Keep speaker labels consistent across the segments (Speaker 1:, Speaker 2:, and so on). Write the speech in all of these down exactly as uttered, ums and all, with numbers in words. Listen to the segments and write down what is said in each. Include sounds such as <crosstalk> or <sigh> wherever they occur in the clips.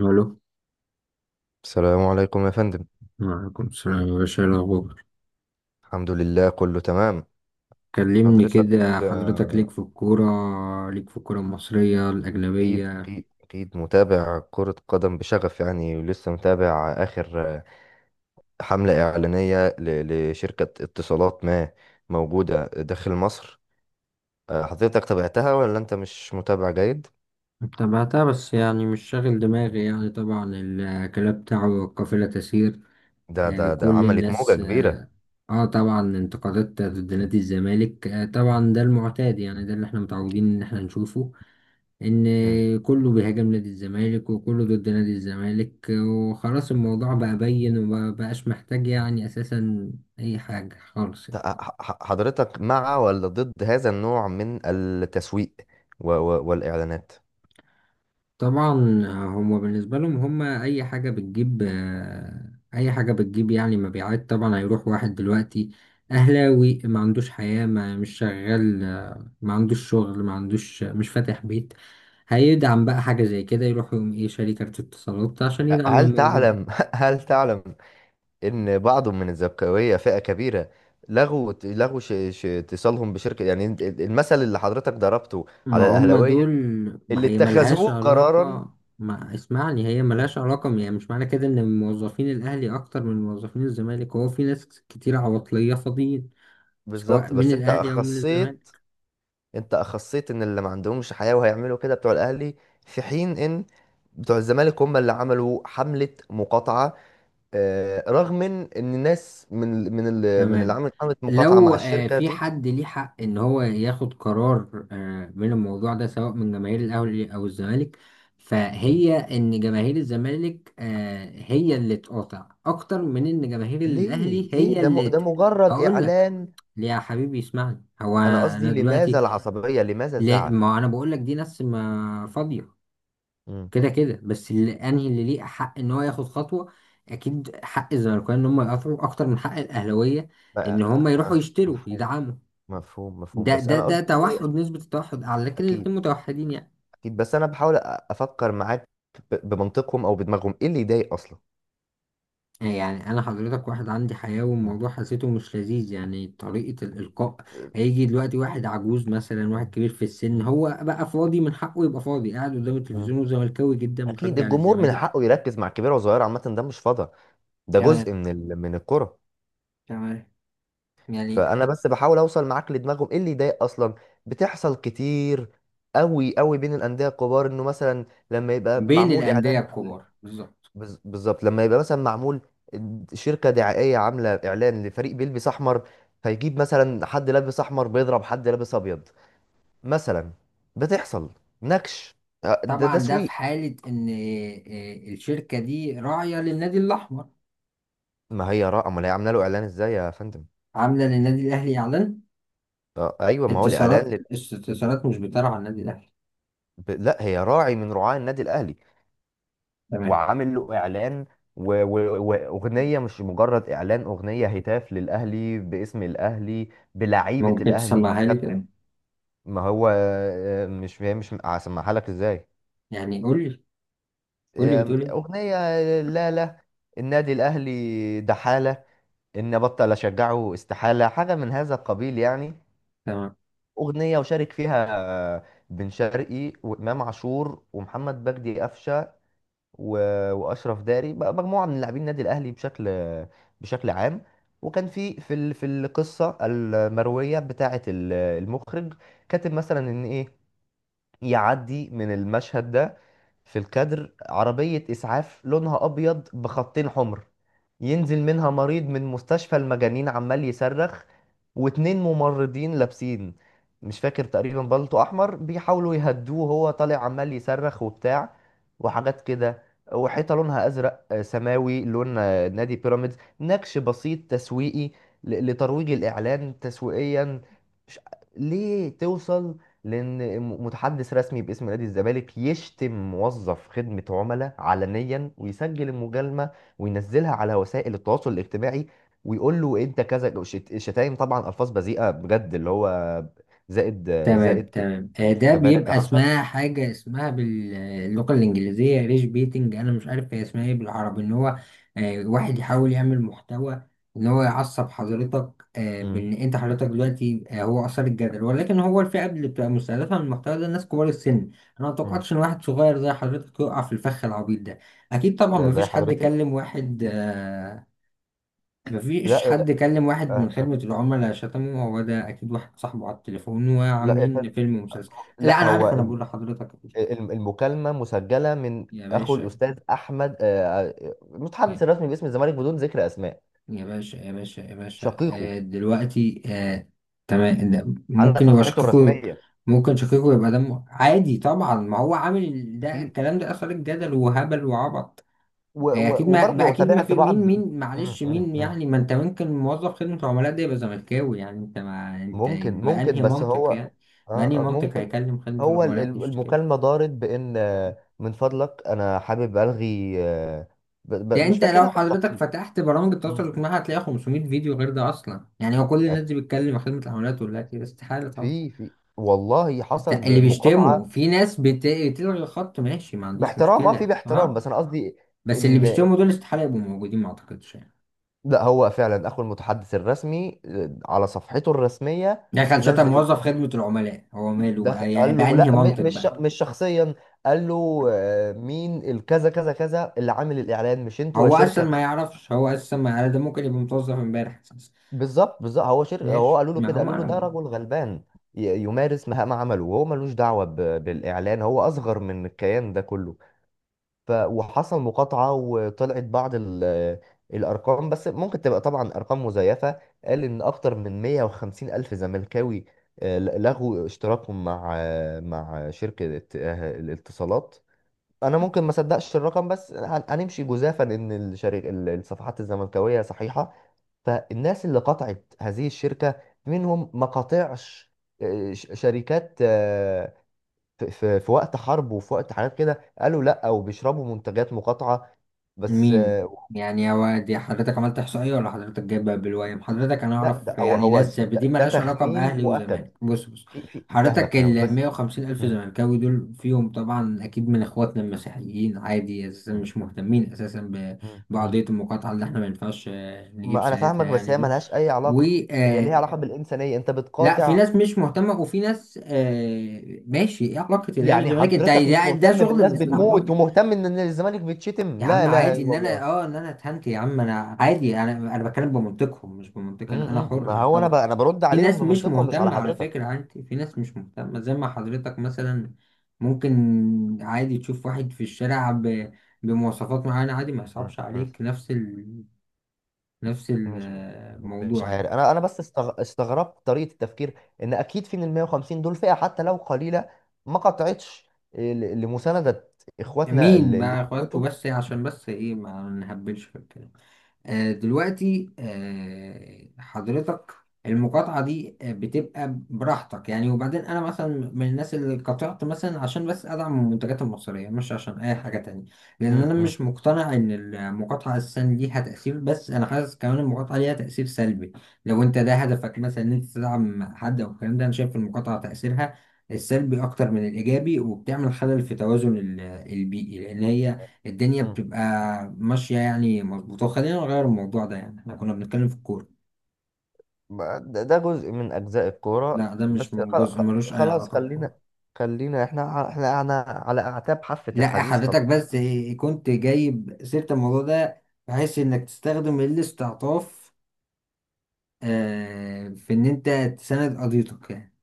Speaker 1: الو.
Speaker 2: السلام عليكم يا فندم.
Speaker 1: وعليكم السلام يا باشا، إيه الأخبار؟
Speaker 2: الحمد لله كله تمام.
Speaker 1: كلمني
Speaker 2: حضرتك
Speaker 1: كده حضرتك،
Speaker 2: آه،
Speaker 1: ليك في الكورة؟ ليك في الكورة المصرية
Speaker 2: أكيد
Speaker 1: الأجنبية؟
Speaker 2: أكيد أكيد متابع كرة قدم بشغف، يعني ولسه متابع آخر آه، حملة إعلانية ل- لشركة اتصالات ما موجودة داخل مصر. آه، حضرتك تابعتها ولا أنت مش متابع جيد؟
Speaker 1: تابعتها بس يعني مش شاغل دماغي، يعني طبعا الكلام بتاعه قافلة تسير.
Speaker 2: ده
Speaker 1: آه،
Speaker 2: ده ده
Speaker 1: كل
Speaker 2: عملت موجة
Speaker 1: الناس
Speaker 2: كبيرة.
Speaker 1: اه آه، طبعا انتقادات ضد نادي الزمالك، آه، طبعا ده المعتاد، يعني ده اللي احنا متعودين ان احنا نشوفه. ان
Speaker 2: مم.
Speaker 1: كله بيهاجم نادي الزمالك، وكله ضد نادي الزمالك، وخلاص الموضوع بقى بين ومبقاش محتاج يعني اساسا اي حاجة خالص
Speaker 2: ت-
Speaker 1: يعني.
Speaker 2: ح- ح- حضرتك مع ولا ضد هذا النوع من التسويق و- و- والإعلانات؟
Speaker 1: طبعا هما بالنسبة لهم هما اي حاجة بتجيب، آه، اي حاجة بتجيب يعني مبيعات. طبعا هيروح واحد دلوقتي اهلاوي ما عندوش حياة، ما مش شغال، آه، ما عندوش شغل، ما عندوش، مش فاتح بيت، هيدعم بقى حاجة زي كده، يروح يقوم ايه شاري كارت اتصالات عشان يدعم
Speaker 2: هل
Speaker 1: الموضوع.
Speaker 2: تعلم <laughs> هل تعلم ان بعض من الزبكاويه فئه كبيره لغوا لغوا ش... ش... اتصالهم بشركه، يعني انت- المثل اللي حضرتك ضربته
Speaker 1: ما
Speaker 2: على
Speaker 1: هم دول.
Speaker 2: الاهلاويه
Speaker 1: ما
Speaker 2: اللي
Speaker 1: هي
Speaker 2: اتخذوه
Speaker 1: ملهاش
Speaker 2: قرارا.
Speaker 1: علاقة. ما اسمعني، هي
Speaker 2: مم.
Speaker 1: ملهاش علاقة. يعني مش معنى كده ان موظفين الاهلي اكتر من موظفين الزمالك، هو في ناس كتير عواطلية فاضيين سواء
Speaker 2: بالظبط،
Speaker 1: من
Speaker 2: بس انت
Speaker 1: الاهلي او من
Speaker 2: اخصيت،
Speaker 1: الزمالك.
Speaker 2: انت اخصيت ان اللي ما عندهمش حياه وهيعملوا كده بتوع الاهلي، في حين ان بتوع الزمالك هم اللي عملوا حمله مقاطعه. آه، رغم من ان الناس من ال- من ال- من اللي
Speaker 1: تمام.
Speaker 2: عملت حمله مقاطعه مع
Speaker 1: لو آه،
Speaker 2: الشركه
Speaker 1: في
Speaker 2: دي.
Speaker 1: حد ليه حق ان هو ياخد قرار آه، من الموضوع ده سواء من جماهير الاهلي او الزمالك،
Speaker 2: مم.
Speaker 1: فهي ان جماهير الزمالك آه، هي اللي تقاطع اكتر من ان جماهير
Speaker 2: ليه
Speaker 1: الاهلي
Speaker 2: ليه
Speaker 1: هي
Speaker 2: ده م-
Speaker 1: اللي
Speaker 2: ده
Speaker 1: ت-
Speaker 2: مجرد
Speaker 1: اقول لك.
Speaker 2: اعلان.
Speaker 1: ليه يا حبيبي؟ اسمعني، هو
Speaker 2: انا قصدي
Speaker 1: انا
Speaker 2: لماذا
Speaker 1: دلوقتي،
Speaker 2: العصبية؟ لماذا
Speaker 1: لا
Speaker 2: الزعل؟
Speaker 1: ما انا بقول لك دي ناس ما فاضية،
Speaker 2: امم.
Speaker 1: كده كده. بس اللي انهي اللي ليه حق ان هو ياخد خطوه، اكيد حق الزمالكاويه ان هم يقاطعوا اكتر من حق الاهلاويه
Speaker 2: ف-
Speaker 1: ان هم يروحوا
Speaker 2: آه،
Speaker 1: يشتروا
Speaker 2: مفهوم.
Speaker 1: يدعموا.
Speaker 2: مفهوم مفهوم،
Speaker 1: ده
Speaker 2: بس
Speaker 1: ده
Speaker 2: انا
Speaker 1: ده
Speaker 2: قصدي
Speaker 1: توحد،
Speaker 2: ايه.
Speaker 1: نسبه التوحد اعلى، لكن
Speaker 2: اكيد،
Speaker 1: الاتنين متوحدين يعني.
Speaker 2: اكيد بس انا بحاول أ- افكر معاك ب- بمنطقهم او بدماغهم ايه اللي يضايق اصلا.
Speaker 1: يعني انا حضرتك واحد عندي حياه والموضوع حسيته مش لذيذ، يعني طريقه الالقاء. هيجي دلوقتي واحد عجوز مثلا، واحد كبير في السن، هو بقى فاضي، من حقه يبقى فاضي قاعد قدام
Speaker 2: امم.
Speaker 1: التلفزيون وزملكاوي جدا،
Speaker 2: اكيد
Speaker 1: مشجع
Speaker 2: الجمهور من
Speaker 1: للزمالك.
Speaker 2: حقه يركز مع كبيره وصغيره، عامه ده مش فضا، ده
Speaker 1: تمام،
Speaker 2: جزء من ال... من الكره.
Speaker 1: تمام. يعني
Speaker 2: فانا
Speaker 1: ح-
Speaker 2: بس بحاول اوصل معاك لدماغهم ايه اللي يضايق اصلا. بتحصل كتير قوي قوي بين الانديه الكبار انه مثلا لما يبقى
Speaker 1: بين
Speaker 2: معمول
Speaker 1: الانديه
Speaker 2: اعلان،
Speaker 1: الكبار بالظبط.
Speaker 2: بز- بالظبط لما يبقى مثلا معمول شركة دعائية عاملة إعلان لفريق بيلبس أحمر، فيجيب مثلا حد لابس أحمر بيضرب حد لابس أبيض مثلا. بتحصل نكش. آه، ده
Speaker 1: طبعا ده في
Speaker 2: تسويق.
Speaker 1: حالة إن آه، الشركة دي راعية للنادي الأحمر.
Speaker 2: ما هي را، أمال هي عاملة له إعلان إزاي يا فندم؟
Speaker 1: عاملة للنادي الأهلي إعلان.
Speaker 2: آه، أيوه، ما هو الإعلان
Speaker 1: اتصالات
Speaker 2: لل...
Speaker 1: استثمارات مش بترعى النادي الأهلي؟
Speaker 2: ب- لا، هي راعي من رعاة النادي الأهلي،
Speaker 1: تمام.
Speaker 2: وعامل له إعلان و- و- وأغنية، مش مجرد إعلان، أغنية هتاف للأهلي باسم الأهلي بلعيبة
Speaker 1: ممكن
Speaker 2: الأهلي.
Speaker 1: تسمعها لي كده؟
Speaker 2: ما هو آه، مش، هي مش هسمعها لك ازاي.
Speaker 1: يعني قول لي، قول لي
Speaker 2: آه،
Speaker 1: بتقول إيه.
Speaker 2: اغنيه. لا لا، النادي الاهلي دحاله ان ابطل اشجعه استحاله، حاجه من هذا القبيل يعني.
Speaker 1: تمام،
Speaker 2: اغنيه وشارك فيها آه، بن شرقي وامام عاشور ومحمد بجدي قفشه و- واشرف داري، بقى مجموعه من لاعبين النادي الاهلي بشكل، بشكل عام. وكان في في ال- في القصه المرويه بتاعه ال- المخرج كاتب مثلا ان ايه، يعدي من المشهد ده في الكادر عربية إسعاف لونها أبيض بخطين حمر، ينزل منها مريض من مستشفى المجانين عمال يصرخ، واتنين ممرضين لابسين، مش فاكر، تقريبا بلطو أحمر، بيحاولوا يهدوه وهو طالع عمال يصرخ وبتاع وحاجات كده. وحيطة لونها أزرق آه، سماوي، لون آه، نادي بيراميدز، نكش بسيط تسويقي ل- لترويج الإعلان تسويقيا. مش- ليه توصل؟ لان م- متحدث رسمي باسم نادي الزمالك يشتم موظف خدمة عملاء علنيا، ويسجل المجالمة وينزلها على وسائل التواصل الاجتماعي، ويقول له انت كذا، شت- شتايم طبعا، الفاظ بذيئة بجد، اللي هو زائد،
Speaker 1: تمام،
Speaker 2: زائد
Speaker 1: تمام. آه، ده بيبقى
Speaker 2: ثمانية عشر.
Speaker 1: اسمها حاجة اسمها باللغة الإنجليزية ريش بيتنج، أنا مش عارف هي اسمها إيه بالعربي. إن هو آه، واحد يحاول يعمل محتوى، إن هو يعصب حضرتك آه،
Speaker 2: امم.
Speaker 1: بإن أنت حضرتك دلوقتي، آه، هو أثار الجدل، ولكن هو الفئة اللي بتبقى مستهدفة من المحتوى ده الناس كبار السن. أنا ما أتوقعتش إن واحد صغير زي حضرتك يقع في الفخ العبيط ده. أكيد طبعا
Speaker 2: زي
Speaker 1: مفيش حد
Speaker 2: حضرتي.
Speaker 1: كلم واحد آه، مفيش
Speaker 2: لا.
Speaker 1: حد كلم واحد من
Speaker 2: آه،
Speaker 1: خدمة العملاء شتمه، هو ده أكيد واحد صاحبه على التليفون
Speaker 2: لا يا فندم.
Speaker 1: وعاملين فيلم ومسلسل. لا
Speaker 2: لا،
Speaker 1: أنا
Speaker 2: هو
Speaker 1: عارف، أنا
Speaker 2: ال-
Speaker 1: بقول لحضرتك إيه.
Speaker 2: ال- المكالمة مسجلة من
Speaker 1: يا
Speaker 2: اخو
Speaker 1: باشا،
Speaker 2: الاستاذ احمد، آه، آه،
Speaker 1: يا،
Speaker 2: المتحدث الرسمي باسم الزمالك بدون ذكر اسماء.
Speaker 1: يا باشا يا باشا يا باشا، آه
Speaker 2: شقيقه
Speaker 1: دلوقتي آه. تمام، ده
Speaker 2: على
Speaker 1: ممكن يبقى
Speaker 2: صفحته
Speaker 1: شقيقه.
Speaker 2: الرسميه.
Speaker 1: ممكن شقيقه يبقى دمه عادي، طبعا ما هو عامل ده،
Speaker 2: اكيد.
Speaker 1: الكلام ده أثار الجدل وهبل وعبط.
Speaker 2: و-
Speaker 1: هي
Speaker 2: و-
Speaker 1: اكيد ما, ما
Speaker 2: وبرضه
Speaker 1: اكيد، ما
Speaker 2: تابعت
Speaker 1: في مين
Speaker 2: بعض،
Speaker 1: مين
Speaker 2: مم،
Speaker 1: معلش،
Speaker 2: مم،
Speaker 1: مين
Speaker 2: مم.
Speaker 1: يعني؟ ما انت ممكن موظف خدمة عملاء ده يبقى زملكاوي. يعني انت ما انت
Speaker 2: ممكن،
Speaker 1: بأنهي
Speaker 2: ممكن، بس هو
Speaker 1: منطق
Speaker 2: اه،
Speaker 1: يعني؟ بأنهي
Speaker 2: آه،
Speaker 1: منطق
Speaker 2: ممكن.
Speaker 1: هيكلم خدمة
Speaker 2: هو ال-
Speaker 1: العملاء
Speaker 2: ال-
Speaker 1: يشتكي كده؟
Speaker 2: المكالمة دارت بإن آه، من فضلك أنا حابب ألغي آه، ب- ب-
Speaker 1: يعني
Speaker 2: مش
Speaker 1: انت لو
Speaker 2: فاكرها
Speaker 1: حضرتك
Speaker 2: بالتفصيل.
Speaker 1: فتحت برامج التواصل
Speaker 2: مم.
Speaker 1: الاجتماعي هتلاقي خمسمية فيديو غير ده اصلا. يعني هو كل الناس
Speaker 2: آه،
Speaker 1: دي بتكلم خدمة العملاء تقول لك كده؟ استحالة طبعا.
Speaker 2: في في والله
Speaker 1: است- اللي
Speaker 2: حصل
Speaker 1: بيشتموا،
Speaker 2: مقاطعة
Speaker 1: في ناس بت- بتلغي الخط، ماشي، ما عنديش
Speaker 2: باحترام، اه في
Speaker 1: مشكلة
Speaker 2: باحترام،
Speaker 1: اه.
Speaker 2: بس أنا قصدي
Speaker 1: بس اللي
Speaker 2: إن.
Speaker 1: بيشتموا دول استحالة يبقوا موجودين، ما اعتقدش يعني.
Speaker 2: لا، هو فعلا أخو المتحدث الرسمي آه، على صفحته الرسمية
Speaker 1: دخل شتم
Speaker 2: نزل،
Speaker 1: موظف خدمة العملاء، هو ماله
Speaker 2: دخل،
Speaker 1: بقى يعني؟
Speaker 2: قال له
Speaker 1: بأنهي
Speaker 2: لا، م-
Speaker 1: منطق
Speaker 2: مش
Speaker 1: بقى؟
Speaker 2: مش شخصيا. قال له آه، مين الكذا كذا كذا اللي عامل الاعلان؟ مش انتوا يا
Speaker 1: هو اصلا
Speaker 2: شركه
Speaker 1: ما
Speaker 2: كذا.
Speaker 1: يعرفش، هو اصلا ما يعرف، ده ممكن يبقى متوظف امبارح اساسا.
Speaker 2: بالظبط، بالظبط، هو شركه، هو
Speaker 1: ماشي،
Speaker 2: قالوا له
Speaker 1: ما
Speaker 2: كده،
Speaker 1: هم
Speaker 2: قالوا له ده
Speaker 1: انا.
Speaker 2: رجل غلبان ي- يمارس مهام عمله وهو ملوش دعوه ب- بالاعلان، هو اصغر من الكيان ده كله. ف وحصل مقاطعه، وطلعت بعض ال- الارقام، بس ممكن تبقى طبعا ارقام مزيفه. قال ان اكتر من مية وخمسين الف زملكاوي آه، لغوا اشتراكهم مع، آه، مع شركه، آه، الاتصالات. انا ممكن ما صدقش الرقم، بس هن- هنمشي جزافا ان الشريك ال- الصفحات الزملكاويه صحيحه، فالناس اللي قطعت هذه الشركه منهم ما قطعش. آه، ش- شركات آه، في في- في وقت حرب وفي وقت حاجات كده، قالوا لا وبيشربوا منتجات مقاطعه، بس
Speaker 1: مين؟
Speaker 2: آه.
Speaker 1: يعني هو دي حضرتك عملت احصائيه ولا حضرتك جايبها بالويم؟ حضرتك انا
Speaker 2: لا ده
Speaker 1: اعرف
Speaker 2: هو،
Speaker 1: يعني
Speaker 2: هو
Speaker 1: ناس زي- دي
Speaker 2: ده, ده
Speaker 1: مالهاش علاقه
Speaker 2: تخمين
Speaker 1: باهلي
Speaker 2: مؤكد.
Speaker 1: وزمالك. بص، بص
Speaker 2: في في فاهمك،
Speaker 1: حضرتك،
Speaker 2: فاهمك
Speaker 1: ال
Speaker 2: بس.
Speaker 1: مئة وخمسين الف
Speaker 2: مم.
Speaker 1: زملكاوي دول فيهم طبعا اكيد من اخواتنا المسيحيين، عادي، اساسا
Speaker 2: مم.
Speaker 1: مش مهتمين اساسا ب-
Speaker 2: مم. مم.
Speaker 1: بقضيه المقاطعه، اللي احنا ما ينفعش آه، نجيب
Speaker 2: ما انا
Speaker 1: سيرتها
Speaker 2: فاهمك، بس
Speaker 1: يعني
Speaker 2: هي
Speaker 1: دي.
Speaker 2: ملهاش اي علاقه، هي ليها علاقه بالانسانيه، انت
Speaker 1: لا في
Speaker 2: بتقاطع.
Speaker 1: ناس مش مهتمه، وفي ناس آه ماشي، ايه علاقه الاهلي
Speaker 2: يعني
Speaker 1: والزمالك؟ انت
Speaker 2: حضرتك مش
Speaker 1: ده, ده
Speaker 2: مهتم
Speaker 1: شغل
Speaker 2: بالناس
Speaker 1: الاستعباط.
Speaker 2: بتموت، ومهتم ان إن الزمالك بتشتم
Speaker 1: يا
Speaker 2: لا
Speaker 1: عم
Speaker 2: اله
Speaker 1: عادي ان
Speaker 2: الا
Speaker 1: انا
Speaker 2: الله؟
Speaker 1: اه ان انا اتهنت، يا عم انا عادي، انا انا بتكلم بمنطقهم مش
Speaker 2: م-
Speaker 1: بمنطق انا، انا
Speaker 2: م- ما
Speaker 1: حر
Speaker 2: هو انا ب...
Speaker 1: طبعا.
Speaker 2: انا برد
Speaker 1: في
Speaker 2: عليهم
Speaker 1: ناس مش
Speaker 2: بمنطقهم مش على
Speaker 1: مهتمه على
Speaker 2: حضرتك.
Speaker 1: فكره، عادي، في ناس مش مهتمه زي ما حضرتك مثلا ممكن عادي تشوف واحد في الشارع ب... بمواصفات معينه عادي ما
Speaker 2: م-
Speaker 1: يصعبش
Speaker 2: م-
Speaker 1: عليك، نفس ال... نفس
Speaker 2: مش مش
Speaker 1: الموضوع
Speaker 2: عارف،
Speaker 1: يعني.
Speaker 2: انا انا بس استغ... استغربت طريقه التفكير، ان اكيد في من ال مية وخمسين دول فئه حتى لو قليله ما قطعتش ل- لمسانده اخواتنا
Speaker 1: مين
Speaker 2: اللي اللي
Speaker 1: بقى اخواتكم؟
Speaker 2: بيموتوا.
Speaker 1: بس عشان بس ايه، ما نهبلش في الكلام. آه، دلوقتي آه، حضرتك، المقاطعة دي آه، بتبقى براحتك يعني. وبعدين أنا مثلا من الناس اللي قطعت، مثلا عشان بس أدعم المنتجات المصرية، مش عشان أي حاجة تانية. لأن
Speaker 2: م-
Speaker 1: أنا
Speaker 2: م-
Speaker 1: مش مقتنع إن المقاطعة أساسا ليها تأثير، بس أنا حاسس كمان المقاطعة ليها تأثير سلبي. لو أنت ده هدفك مثلا إن أنت تدعم حد أو الكلام ده، أنا شايف المقاطعة تأثيرها السلبي أكتر من الإيجابي، وبتعمل خلل في توازن ال- البيئي، لأن هي الدنيا
Speaker 2: م.
Speaker 1: بتبقى ماشية يعني مظبوطة. خلينا نغير الموضوع ده يعني، احنا كنا بنتكلم في الكورة.
Speaker 2: ما- ده ده جزء من اجزاء الكوره،
Speaker 1: لا ده مش
Speaker 2: بس
Speaker 1: من
Speaker 2: خل-
Speaker 1: جزء،
Speaker 2: خ-
Speaker 1: ملوش أي
Speaker 2: خلاص
Speaker 1: علاقة
Speaker 2: خلينا،
Speaker 1: بالكورة.
Speaker 2: خلينا، احنا احنا احنا على اعتاب حافه
Speaker 1: لا
Speaker 2: الحديث،
Speaker 1: حضرتك
Speaker 2: خلاص.
Speaker 1: بس إيه، كنت جايب سيرة الموضوع ده بحيث إنك تستخدم الاستعطاف آه، في إن أنت تساند قضيتك يعني.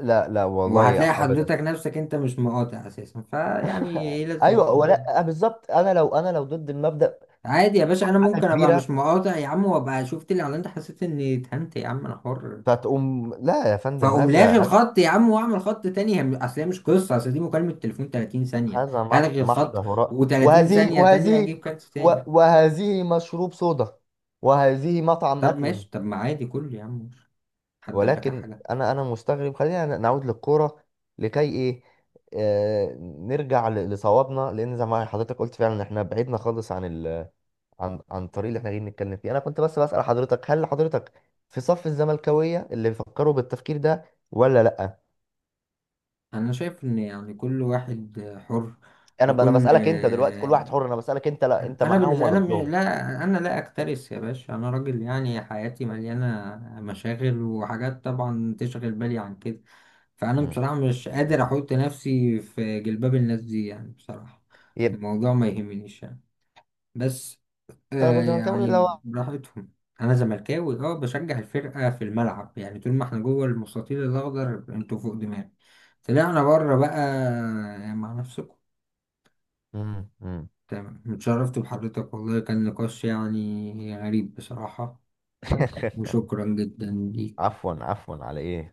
Speaker 2: لا لا، والله
Speaker 1: وهتلاقي
Speaker 2: ابدا.
Speaker 1: حضرتك نفسك أنت مش مقاطع أساسا، فيعني
Speaker 2: <laughs>
Speaker 1: إيه لازمة؟
Speaker 2: ايوه، ولا آه، بالظبط، انا لو، انا لو ضد المبدأ
Speaker 1: عادي يا باشا، أنا
Speaker 2: حاجه
Speaker 1: ممكن أبقى
Speaker 2: كبيره،
Speaker 1: مش مقاطع يا عم، وأبقى شفت الإعلان ده حسيت إني اتهنت يا عم، أنا حر.
Speaker 2: فتقوم لا يا فندم.
Speaker 1: فاقوم لاغي
Speaker 2: هذا،
Speaker 1: الخط يا عم واعمل خط تاني، هم- اصل هي مش قصه، اصل دي مكالمه تليفون تلاتين ثانيه.
Speaker 2: هذا مح-
Speaker 1: هلغي
Speaker 2: محض
Speaker 1: الخط
Speaker 2: هراء،
Speaker 1: و30
Speaker 2: وهذه،
Speaker 1: ثانيه تانية
Speaker 2: وهذه
Speaker 1: اجيب كارت
Speaker 2: و-
Speaker 1: تاني.
Speaker 2: وهذه مشروب صودا، وهذه مطعم
Speaker 1: طب
Speaker 2: اكل.
Speaker 1: ماشي، طب ما عادي كله يا عم، مش حد قال لك على
Speaker 2: ولكن
Speaker 1: حاجه.
Speaker 2: انا، انا مستغرب. خلينا نعود للكوره، لكي ايه. آه نرجع ل- لصوابنا، لان زي ما حضرتك قلت فعلا احنا بعدنا خالص عن، عن عن الطريق اللي احنا جايين نتكلم فيه. انا كنت بس بسأل حضرتك هل حضرتك في صف الزملكاوية اللي بيفكروا بالتفكير ده ولا لا؟
Speaker 1: انا شايف ان يعني كل واحد حر،
Speaker 2: انا ب- انا
Speaker 1: وكل
Speaker 2: بسألك انت دلوقتي، كل واحد حر، انا بسألك انت، لا انت
Speaker 1: انا
Speaker 2: معاهم
Speaker 1: بالنسبه
Speaker 2: ولا
Speaker 1: انا م-
Speaker 2: ضدهم؟
Speaker 1: لا انا لا اكترث يا باشا، انا راجل يعني حياتي مليانه مشاغل وحاجات طبعا تشغل بالي عن كده. فانا
Speaker 2: مم.
Speaker 1: بصراحه مش قادر
Speaker 2: مم.
Speaker 1: احط نفسي في جلباب الناس دي، يعني بصراحه
Speaker 2: يبقى
Speaker 1: الموضوع ما يهمنيش يعني. بس
Speaker 2: انا
Speaker 1: آه
Speaker 2: كنت زملكاوي، لا
Speaker 1: يعني
Speaker 2: هو-
Speaker 1: براحتهم. انا زملكاوي اه، بشجع الفرقه في الملعب، يعني طول ما احنا جوه المستطيل الاخضر انتوا فوق دماغي. طلعنا بره بقى، مع نفسكم.
Speaker 2: مم. مم.
Speaker 1: تمام، اتشرفت بحضرتك والله، كان نقاش يعني غريب بصراحة.
Speaker 2: <laughs>
Speaker 1: وشكرا جدا ليك.
Speaker 2: عفوا، عفوا على ايه.